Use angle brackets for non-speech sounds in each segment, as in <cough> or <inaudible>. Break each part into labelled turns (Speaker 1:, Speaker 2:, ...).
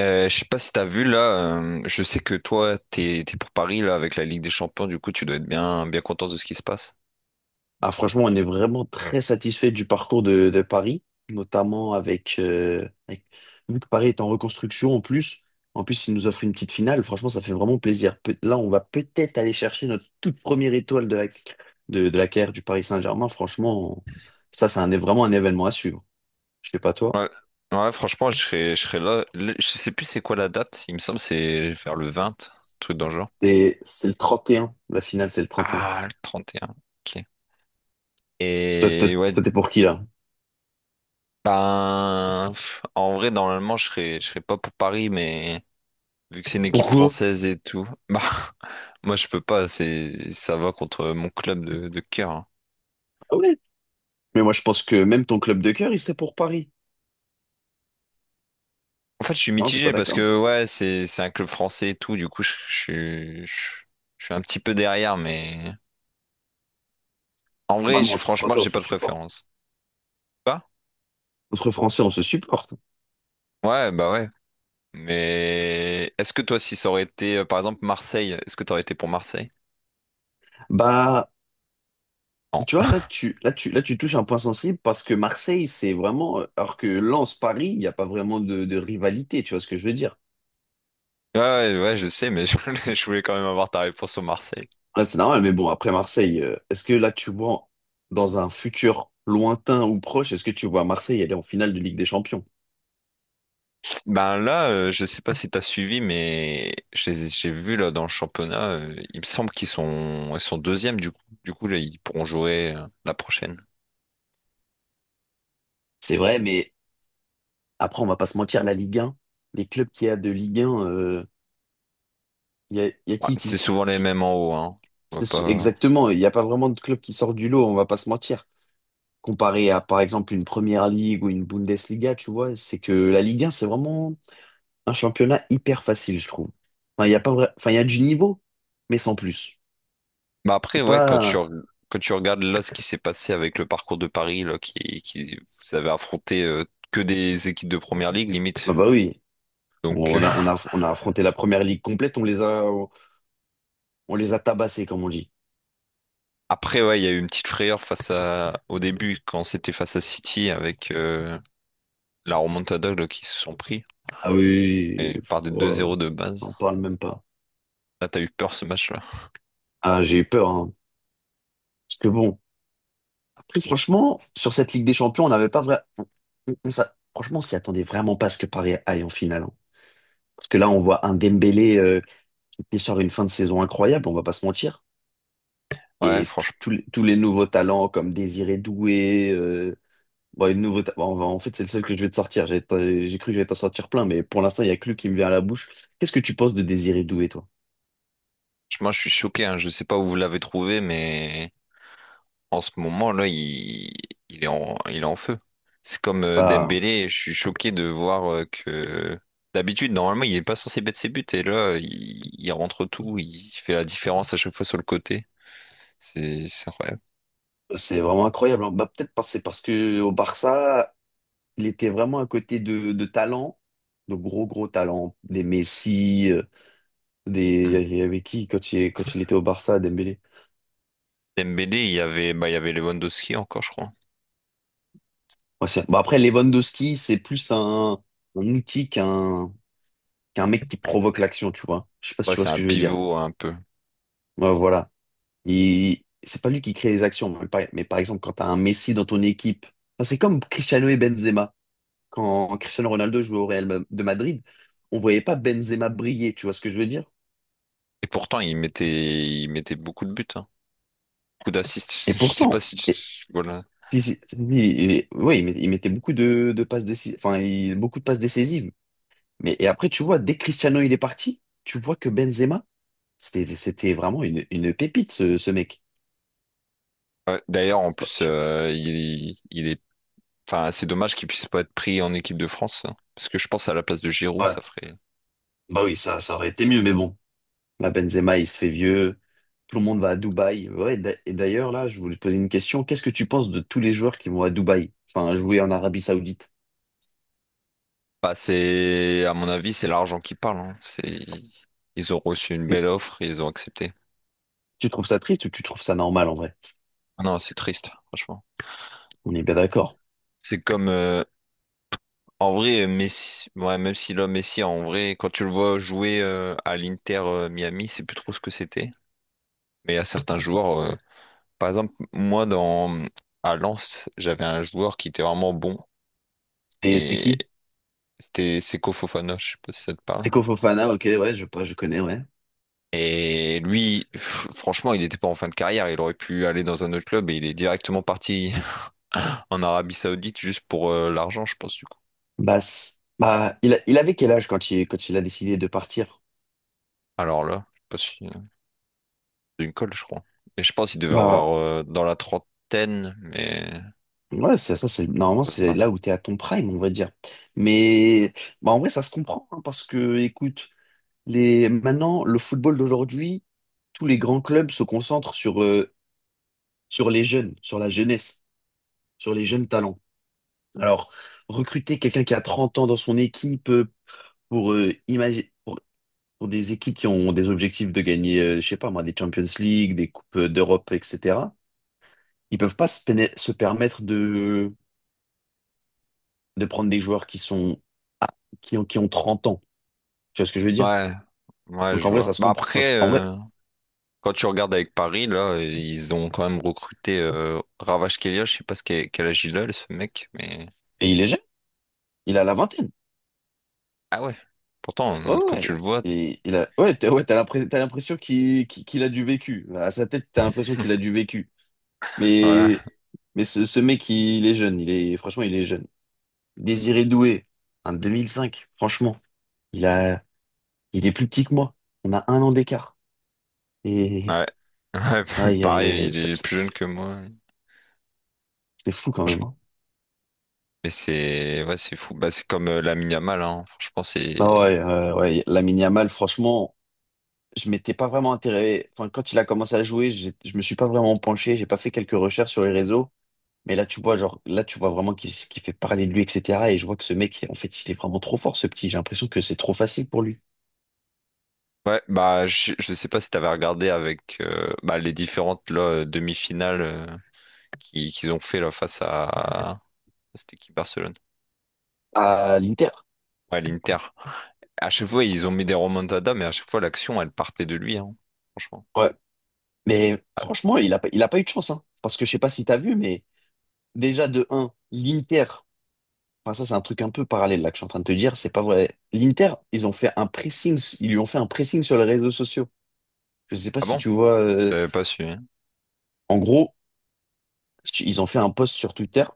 Speaker 1: Je sais pas si t'as vu là, je sais que toi t'es pour Paris là avec la Ligue des Champions, du coup tu dois être bien bien content de ce qui se passe.
Speaker 2: Ah, franchement, on est vraiment très satisfait du parcours de Paris, notamment vu que Paris est en reconstruction, en plus, il nous offre une petite finale. Franchement, ça fait vraiment plaisir. Là, on va peut-être aller chercher notre toute première étoile de la carrière du Paris Saint-Germain. Franchement, ça, c'est vraiment un événement à suivre. Je sais pas toi.
Speaker 1: Ouais. Ouais, franchement, je serais là. Je sais plus c'est quoi la date, il me semble c'est vers le 20, truc dans le genre.
Speaker 2: C'est le 31. La finale, c'est le 31.
Speaker 1: Ah, le 31. OK.
Speaker 2: Toi, toi,
Speaker 1: Et ouais,
Speaker 2: toi, t'es pour qui, là?
Speaker 1: ben pff, en vrai normalement je serais pas pour Paris, mais vu que c'est une équipe
Speaker 2: Pourquoi?
Speaker 1: française et tout, bah <laughs> moi je peux pas, c'est ça va contre mon club de cœur, hein.
Speaker 2: Ah ouais. Mais moi, je pense que même ton club de cœur, il serait pour Paris.
Speaker 1: En fait, je suis
Speaker 2: Non, t'es pas
Speaker 1: mitigé parce
Speaker 2: d'accord?
Speaker 1: que ouais, c'est un club français et tout. Du coup, je suis un petit peu derrière, mais en vrai,
Speaker 2: Normalement, entre
Speaker 1: franchement,
Speaker 2: Français, on
Speaker 1: j'ai
Speaker 2: se
Speaker 1: pas de
Speaker 2: supporte.
Speaker 1: préférence. Pas?
Speaker 2: Entre Français, on se supporte.
Speaker 1: Ouais, bah ouais. Mais est-ce que toi, si ça aurait été, par exemple, Marseille, est-ce que t'aurais été pour Marseille?
Speaker 2: Bah,
Speaker 1: Non.
Speaker 2: tu vois, là, tu touches un point sensible parce que Marseille, c'est vraiment. Alors que Lens, Paris, il n'y a pas vraiment de rivalité, tu vois ce que je veux dire?
Speaker 1: Ouais, ouais, ouais, je sais, mais <laughs> je voulais quand même avoir ta réponse sur Marseille.
Speaker 2: Là, c'est normal, mais bon, après Marseille, est-ce que là, tu vois, dans un futur lointain ou proche, est-ce que tu vois Marseille aller en finale de Ligue des Champions?
Speaker 1: Ben là, je sais pas si t'as suivi, mais j'ai vu là dans le championnat, il me semble qu'ils sont deuxièmes du coup. Du coup, là, ils pourront jouer la prochaine.
Speaker 2: C'est vrai, mais après, on va pas se mentir, la Ligue 1, les clubs qu'il y a de Ligue 1, il y a
Speaker 1: Bah, c'est
Speaker 2: qui,
Speaker 1: souvent les
Speaker 2: qui-
Speaker 1: mêmes en haut, hein. On va pas...
Speaker 2: exactement, il n'y a pas vraiment de club qui sort du lot, on va pas se mentir. Comparé à, par exemple, une Première Ligue ou une Bundesliga, tu vois, c'est que la Ligue 1, c'est vraiment un championnat hyper facile, je trouve. Enfin, il y a pas vrai- enfin, il y a du niveau, mais sans plus.
Speaker 1: Bah après,
Speaker 2: C'est
Speaker 1: ouais,
Speaker 2: pas...
Speaker 1: quand tu regardes là ce qui s'est passé avec le parcours de Paris, là, qui vous avez affronté que des équipes de première ligue, limite.
Speaker 2: Bah oui,
Speaker 1: Donc
Speaker 2: on a, on
Speaker 1: <laughs>
Speaker 2: a, on a affronté la Première Ligue complète, on les a tabassés, comme on dit.
Speaker 1: après, ouais, il y a eu une petite frayeur face à au début quand c'était face à City avec la remontada là, qui se sont pris
Speaker 2: Ah oui,
Speaker 1: et par
Speaker 2: pff,
Speaker 1: des
Speaker 2: oh
Speaker 1: deux
Speaker 2: là là,
Speaker 1: 0 de
Speaker 2: on
Speaker 1: base.
Speaker 2: n'en parle même pas.
Speaker 1: Là, t'as eu peur ce match-là.
Speaker 2: Ah, j'ai eu peur, hein. Parce que bon, après, franchement, sur cette Ligue des Champions, on n'avait pas vrai... on s'a- franchement, on s'y attendait vraiment pas à ce que Paris aille en finale, hein. Parce que là, on voit un Dembélé qui sort une fin de saison incroyable, on va pas se mentir.
Speaker 1: Ouais,
Speaker 2: Et
Speaker 1: franchement,
Speaker 2: tous les nouveaux talents comme Désiré Doué, bon, et nouveau ta- bon, on va- en fait, c'est le seul que je vais te sortir. J'ai pas- j'ai cru que j'allais t'en sortir plein, mais pour l'instant, il y a que lui qui me vient à la bouche. Qu'est-ce que tu penses de Désiré Doué, toi?
Speaker 1: moi je suis choqué, hein. Je sais pas où vous l'avez trouvé, mais en ce moment-là, il est en feu. C'est comme
Speaker 2: Bah,
Speaker 1: Dembélé, je suis choqué de voir que d'habitude, normalement, il n'est pas censé mettre ses buts et là, il rentre tout, il fait la différence à chaque fois sur le côté. C'est incroyable.
Speaker 2: c'est vraiment incroyable, hein. Bah, peut-être c'est parce que au Barça, il était vraiment à côté de talents, de gros gros talents, des Messi. euh, Des,
Speaker 1: Hmm.
Speaker 2: il y avait qui quand il était au Barça, Dembélé?
Speaker 1: Dembélé, il y avait, bah, il y avait Lewandowski encore, je crois.
Speaker 2: Ouais, bah après, Lewandowski, c'est plus un outil qu'un mec qui provoque l'action, tu vois. Je sais pas si
Speaker 1: Ouais,
Speaker 2: tu vois
Speaker 1: c'est
Speaker 2: ce
Speaker 1: un
Speaker 2: que je veux dire.
Speaker 1: pivot un peu.
Speaker 2: Ouais, voilà. C'est pas lui qui crée les actions. Mais par exemple, quand tu as un Messi dans ton équipe, enfin, c'est comme Cristiano et Benzema. Quand Cristiano Ronaldo jouait au Real Ma- de Madrid, on voyait pas Benzema briller, tu vois ce que je veux dire?
Speaker 1: Et pourtant, il mettait beaucoup de buts, hein. Beaucoup d'assists. <laughs>
Speaker 2: Et
Speaker 1: Je sais pas
Speaker 2: pourtant,
Speaker 1: si tu... Voilà.
Speaker 2: si, si, si, si, oui, il mettait beaucoup de passes décisives, enfin, beaucoup de passes décisives. Mais et après, tu vois, dès que Cristiano il est parti, tu vois que Benzema, c'était vraiment une pépite, ce mec.
Speaker 1: Ouais, d'ailleurs, en
Speaker 2: C'est pas-
Speaker 1: plus,
Speaker 2: je-
Speaker 1: il est enfin, c'est dommage qu'il puisse pas être pris en équipe de France, hein. Parce que je pense à la place de Giroud,
Speaker 2: Ouais,
Speaker 1: ça ferait.
Speaker 2: bah oui, ça aurait été mieux, mais bon. Là, Benzema, il se fait vieux. Tout le monde va à Dubaï. Ouais, et d'ailleurs, là, je voulais te poser une question. Qu'est-ce que tu penses de tous les joueurs qui vont à Dubaï, enfin, jouer en Arabie Saoudite?
Speaker 1: Bah, c'est, à mon avis, c'est l'argent qui parle, hein. C'est, ils ont reçu une
Speaker 2: C'est-
Speaker 1: belle offre et ils ont accepté.
Speaker 2: Tu trouves ça triste ou tu trouves ça normal en vrai?
Speaker 1: Ah non, c'est triste, franchement.
Speaker 2: On est bien d'accord.
Speaker 1: C'est comme, en vrai, Messi, ouais, même si l'homme Messi, en vrai, quand tu le vois jouer à l'Inter Miami, c'est plus trop ce que c'était. Mais il y a certains joueurs, par exemple, à Lens, j'avais un joueur qui était vraiment bon
Speaker 2: Et c'est
Speaker 1: et
Speaker 2: qui?
Speaker 1: c'était Seko Fofana, je sais pas si ça te parle.
Speaker 2: Seko Fofana, ok, ouais, je connais, ouais.
Speaker 1: Et lui, franchement, il n'était pas en fin de carrière. Il aurait pu aller dans un autre club et il est directement parti <laughs> en Arabie Saoudite juste pour l'argent, je pense, du coup.
Speaker 2: Bah, c- bah, il avait quel âge quand il a décidé de partir?
Speaker 1: Alors là, je sais pas si c'est une colle, je crois. Et je pense qu'il devait avoir
Speaker 2: Bah
Speaker 1: dans la trentaine, mais
Speaker 2: ouais, c'est ça, c'est normalement c'est
Speaker 1: euh,
Speaker 2: là où tu es à ton prime, on va dire. Mais bah, en vrai, ça se comprend, hein, parce que écoute, les maintenant le football d'aujourd'hui, tous les grands clubs se concentrent sur les jeunes, sur la jeunesse, sur les jeunes talents. Alors, recruter quelqu'un qui a 30 ans dans son équipe pour euh, imagi- pour, pour des équipes qui ont des objectifs de gagner je sais pas moi des Champions League, des coupes d'Europe, etc. Ils peuvent pas se permettre de prendre des joueurs qui sont ah, qui ont 30 ans. Tu vois ce que je veux dire?
Speaker 1: ouais, ouais,
Speaker 2: Donc en
Speaker 1: je
Speaker 2: vrai,
Speaker 1: vois.
Speaker 2: ça se
Speaker 1: Bah
Speaker 2: comprend.
Speaker 1: après,
Speaker 2: En vrai,
Speaker 1: quand tu regardes avec Paris, là, ils ont quand même recruté Ravage Kelia. Je sais pas quel âge il a, ce mec, mais
Speaker 2: et il est jeune, il a la vingtaine.
Speaker 1: ah ouais. Pourtant,
Speaker 2: Ouais,
Speaker 1: quand
Speaker 2: ouais.
Speaker 1: tu le vois,
Speaker 2: Ouais, t'as l'impression qu'il a du vécu. Bah, à sa tête, t'as l'impression qu'il a du vécu.
Speaker 1: ouais.
Speaker 2: Mais, mais ce mec, il est jeune. Il est, franchement, il est jeune. Désiré Doué, un 2005 franchement. Il a, il est plus petit que moi. On a un an d'écart. Et
Speaker 1: Ouais. Ouais, <laughs>
Speaker 2: aïe, aïe,
Speaker 1: pareil,
Speaker 2: aïe,
Speaker 1: il est plus jeune que moi.
Speaker 2: c'est fou quand même, hein.
Speaker 1: Mais c'est ouais, c'est fou. Bah, c'est comme Lamine Yamal, hein. Franchement,
Speaker 2: Ah
Speaker 1: c'est.
Speaker 2: ouais, ouais, Lamine Yamal, franchement, je m'étais pas vraiment intéressé. Enfin, quand il a commencé à jouer, je me suis pas vraiment penché. J'ai pas fait quelques recherches sur les réseaux. Mais là, tu vois, genre, là, tu vois vraiment qu'il fait parler de lui, etc. Et je vois que ce mec, en fait, il est vraiment trop fort, ce petit. J'ai l'impression que c'est trop facile pour lui.
Speaker 1: Ouais, bah je sais pas si t'avais regardé avec bah, les différentes là, demi-finales qu'ils ont fait là face à c'était qui Barcelone?
Speaker 2: À l'Inter.
Speaker 1: Ouais, l'Inter. À chaque fois, ils ont mis des remontadas, mais à chaque fois, l'action, elle partait de lui, hein, franchement.
Speaker 2: Ouais. Mais franchement, il a pas eu de chance, hein. Parce que je sais pas si t'as vu, mais déjà, de un l'Inter. Enfin, ça, c'est un truc un peu parallèle, là, que je suis en train de te dire. C'est pas vrai. L'Inter, ils ont fait un pressing. Ils lui ont fait un pressing sur les réseaux sociaux. Je sais pas
Speaker 1: Ah
Speaker 2: si
Speaker 1: bon?
Speaker 2: tu vois.
Speaker 1: Je l'avais pas su, hein.
Speaker 2: En gros, ils ont fait un post sur Twitter.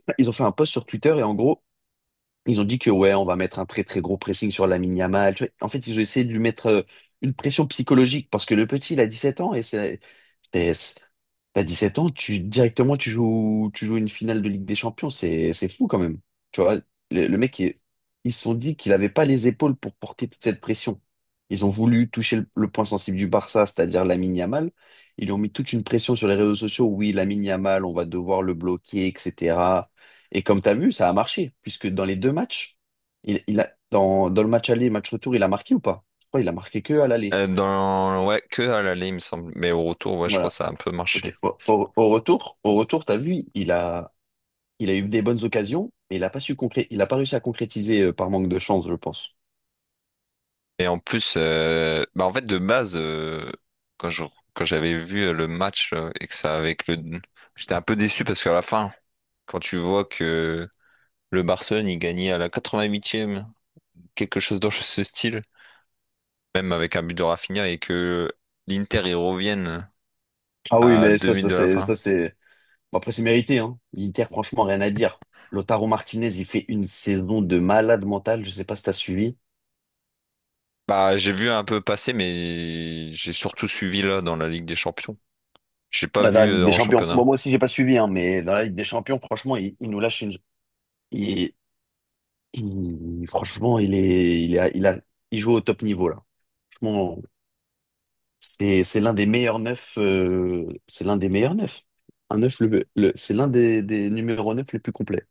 Speaker 2: Enfin, ils ont fait un post sur Twitter et en gros, ils ont dit que ouais, on va mettre un très très gros pressing sur Lamine Yamal. Tu vois, en fait, ils ont essayé de lui mettre une pression psychologique parce que le petit, il a 17 ans et c'est- c'est- t'as 7 ans, tu joues une finale de Ligue des Champions, c'est fou quand même. Tu vois, le mec, ils se sont dit qu'il n'avait pas les épaules pour porter toute cette pression. Ils ont voulu toucher le point sensible du Barça, c'est-à-dire Lamine Yamal. Ils lui ont mis toute une pression sur les réseaux sociaux. Oui, Lamine Yamal, on va devoir le bloquer, etc. Et comme tu as vu, ça a marché, puisque dans les deux matchs, dans le match aller match retour, il a marqué ou pas? Je crois qu'il a marqué que à l'aller.
Speaker 1: Dans... Ouais, que à l'aller, il me semble. Mais au retour, ouais, je crois que
Speaker 2: Voilà.
Speaker 1: ça a un peu marché.
Speaker 2: Ok. Bon, au retour, t'as vu, il a eu des bonnes occasions, mais il a pas réussi à concrétiser par manque de chance, je pense.
Speaker 1: Et en plus, bah en fait, de base, quand je- quand j'avais vu le match et que ça avec le. J'étais un peu déçu parce qu'à la fin, quand tu vois que le Barcelone, il gagnait à la 88e, quelque chose dans ce style, même avec un but de Rafinha et que l'Inter y revienne
Speaker 2: Ah oui,
Speaker 1: à
Speaker 2: mais
Speaker 1: deux
Speaker 2: ça,
Speaker 1: minutes
Speaker 2: ça
Speaker 1: de la
Speaker 2: c'est,
Speaker 1: fin.
Speaker 2: ça c'est. Bon, après, c'est mérité, hein. L'Inter, franchement, rien à dire. Lautaro Martinez, il fait une saison de malade mental. Je sais pas si t'as suivi.
Speaker 1: Bah, j'ai vu un peu passer, mais j'ai surtout suivi là dans la Ligue des Champions. J'ai pas
Speaker 2: Bah, dans la
Speaker 1: vu
Speaker 2: Ligue des
Speaker 1: en
Speaker 2: Champions. Bon,
Speaker 1: championnat.
Speaker 2: moi aussi, j'ai pas suivi, hein, mais dans la Ligue des Champions, franchement, il nous lâche une. il- franchement, il est, il a, il a, il joue au top niveau là. Franchement, c'est l'un des meilleurs neufs. C'est l'un des meilleurs neufs. Un neuf, c'est l'un des numéros neuf les plus complets.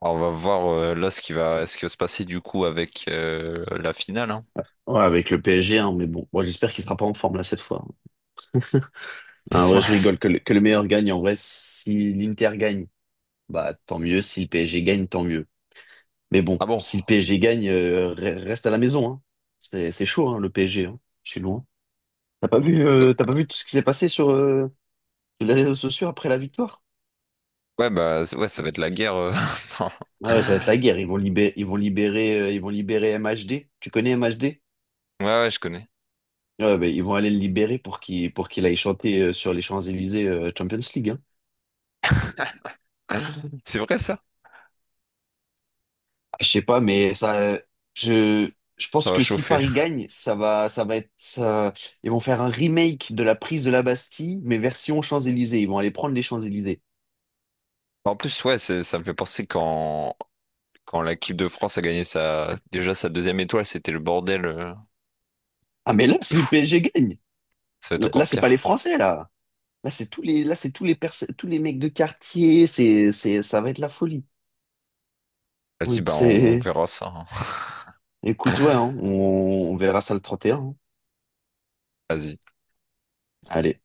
Speaker 1: Alors, on va voir là ce qui va se passer du coup avec la finale, hein.
Speaker 2: Ouais, avec le PSG, hein, mais bon, moi j'espère qu'il sera pas en forme là cette fois, hein. En vrai, je
Speaker 1: <laughs>
Speaker 2: rigole que le meilleur gagne. En vrai, si l'Inter gagne, bah tant mieux. Si le PSG gagne, tant mieux. Mais bon,
Speaker 1: Ah bon?
Speaker 2: si le PSG gagne, reste à la maison, hein. C'est chaud, hein, le PSG, hein. Je suis loin.
Speaker 1: Euh,
Speaker 2: T'as pas vu tout ce qui s'est passé sur, sur les réseaux sociaux après la victoire?
Speaker 1: Ouais, bah, ouais, ça va être la guerre, <laughs> non.
Speaker 2: Ah ouais, ça va être la guerre. Ils vont libérer, ils vont libérer, ils vont libérer MHD. Tu connais MHD?
Speaker 1: Ouais, ouais, je connais.
Speaker 2: Ouais, ben, ils vont aller le libérer pour qu'il aille chanter sur les Champs-Élysées Champions League, hein.
Speaker 1: <laughs> C'est vrai ça?
Speaker 2: Ah, je sais pas, mais ça, je, je
Speaker 1: Ça
Speaker 2: pense
Speaker 1: va
Speaker 2: que si
Speaker 1: chauffer.
Speaker 2: Paris gagne, ça va être, ça- ils vont faire un remake de la prise de la Bastille, mais version Champs-Élysées. Ils vont aller prendre les Champs-Élysées.
Speaker 1: En plus, ouais, ça me fait penser qu'en quand l'équipe de France a gagné sa déjà sa deuxième étoile, c'était le bordel,
Speaker 2: Ah mais là,
Speaker 1: de
Speaker 2: si le
Speaker 1: fou.
Speaker 2: PSG gagne,
Speaker 1: Ça va être
Speaker 2: là là,
Speaker 1: encore
Speaker 2: c'est pas les
Speaker 1: pire.
Speaker 2: Français là. Là c'est tous les, là c'est tous les mecs de quartier. Ça va être la folie.
Speaker 1: Vas-y, bah on,
Speaker 2: C'est...
Speaker 1: verra ça, hein.
Speaker 2: Écoute, ouais, hein, On verra ça le 31, hein.
Speaker 1: Vas-y.
Speaker 2: Allez.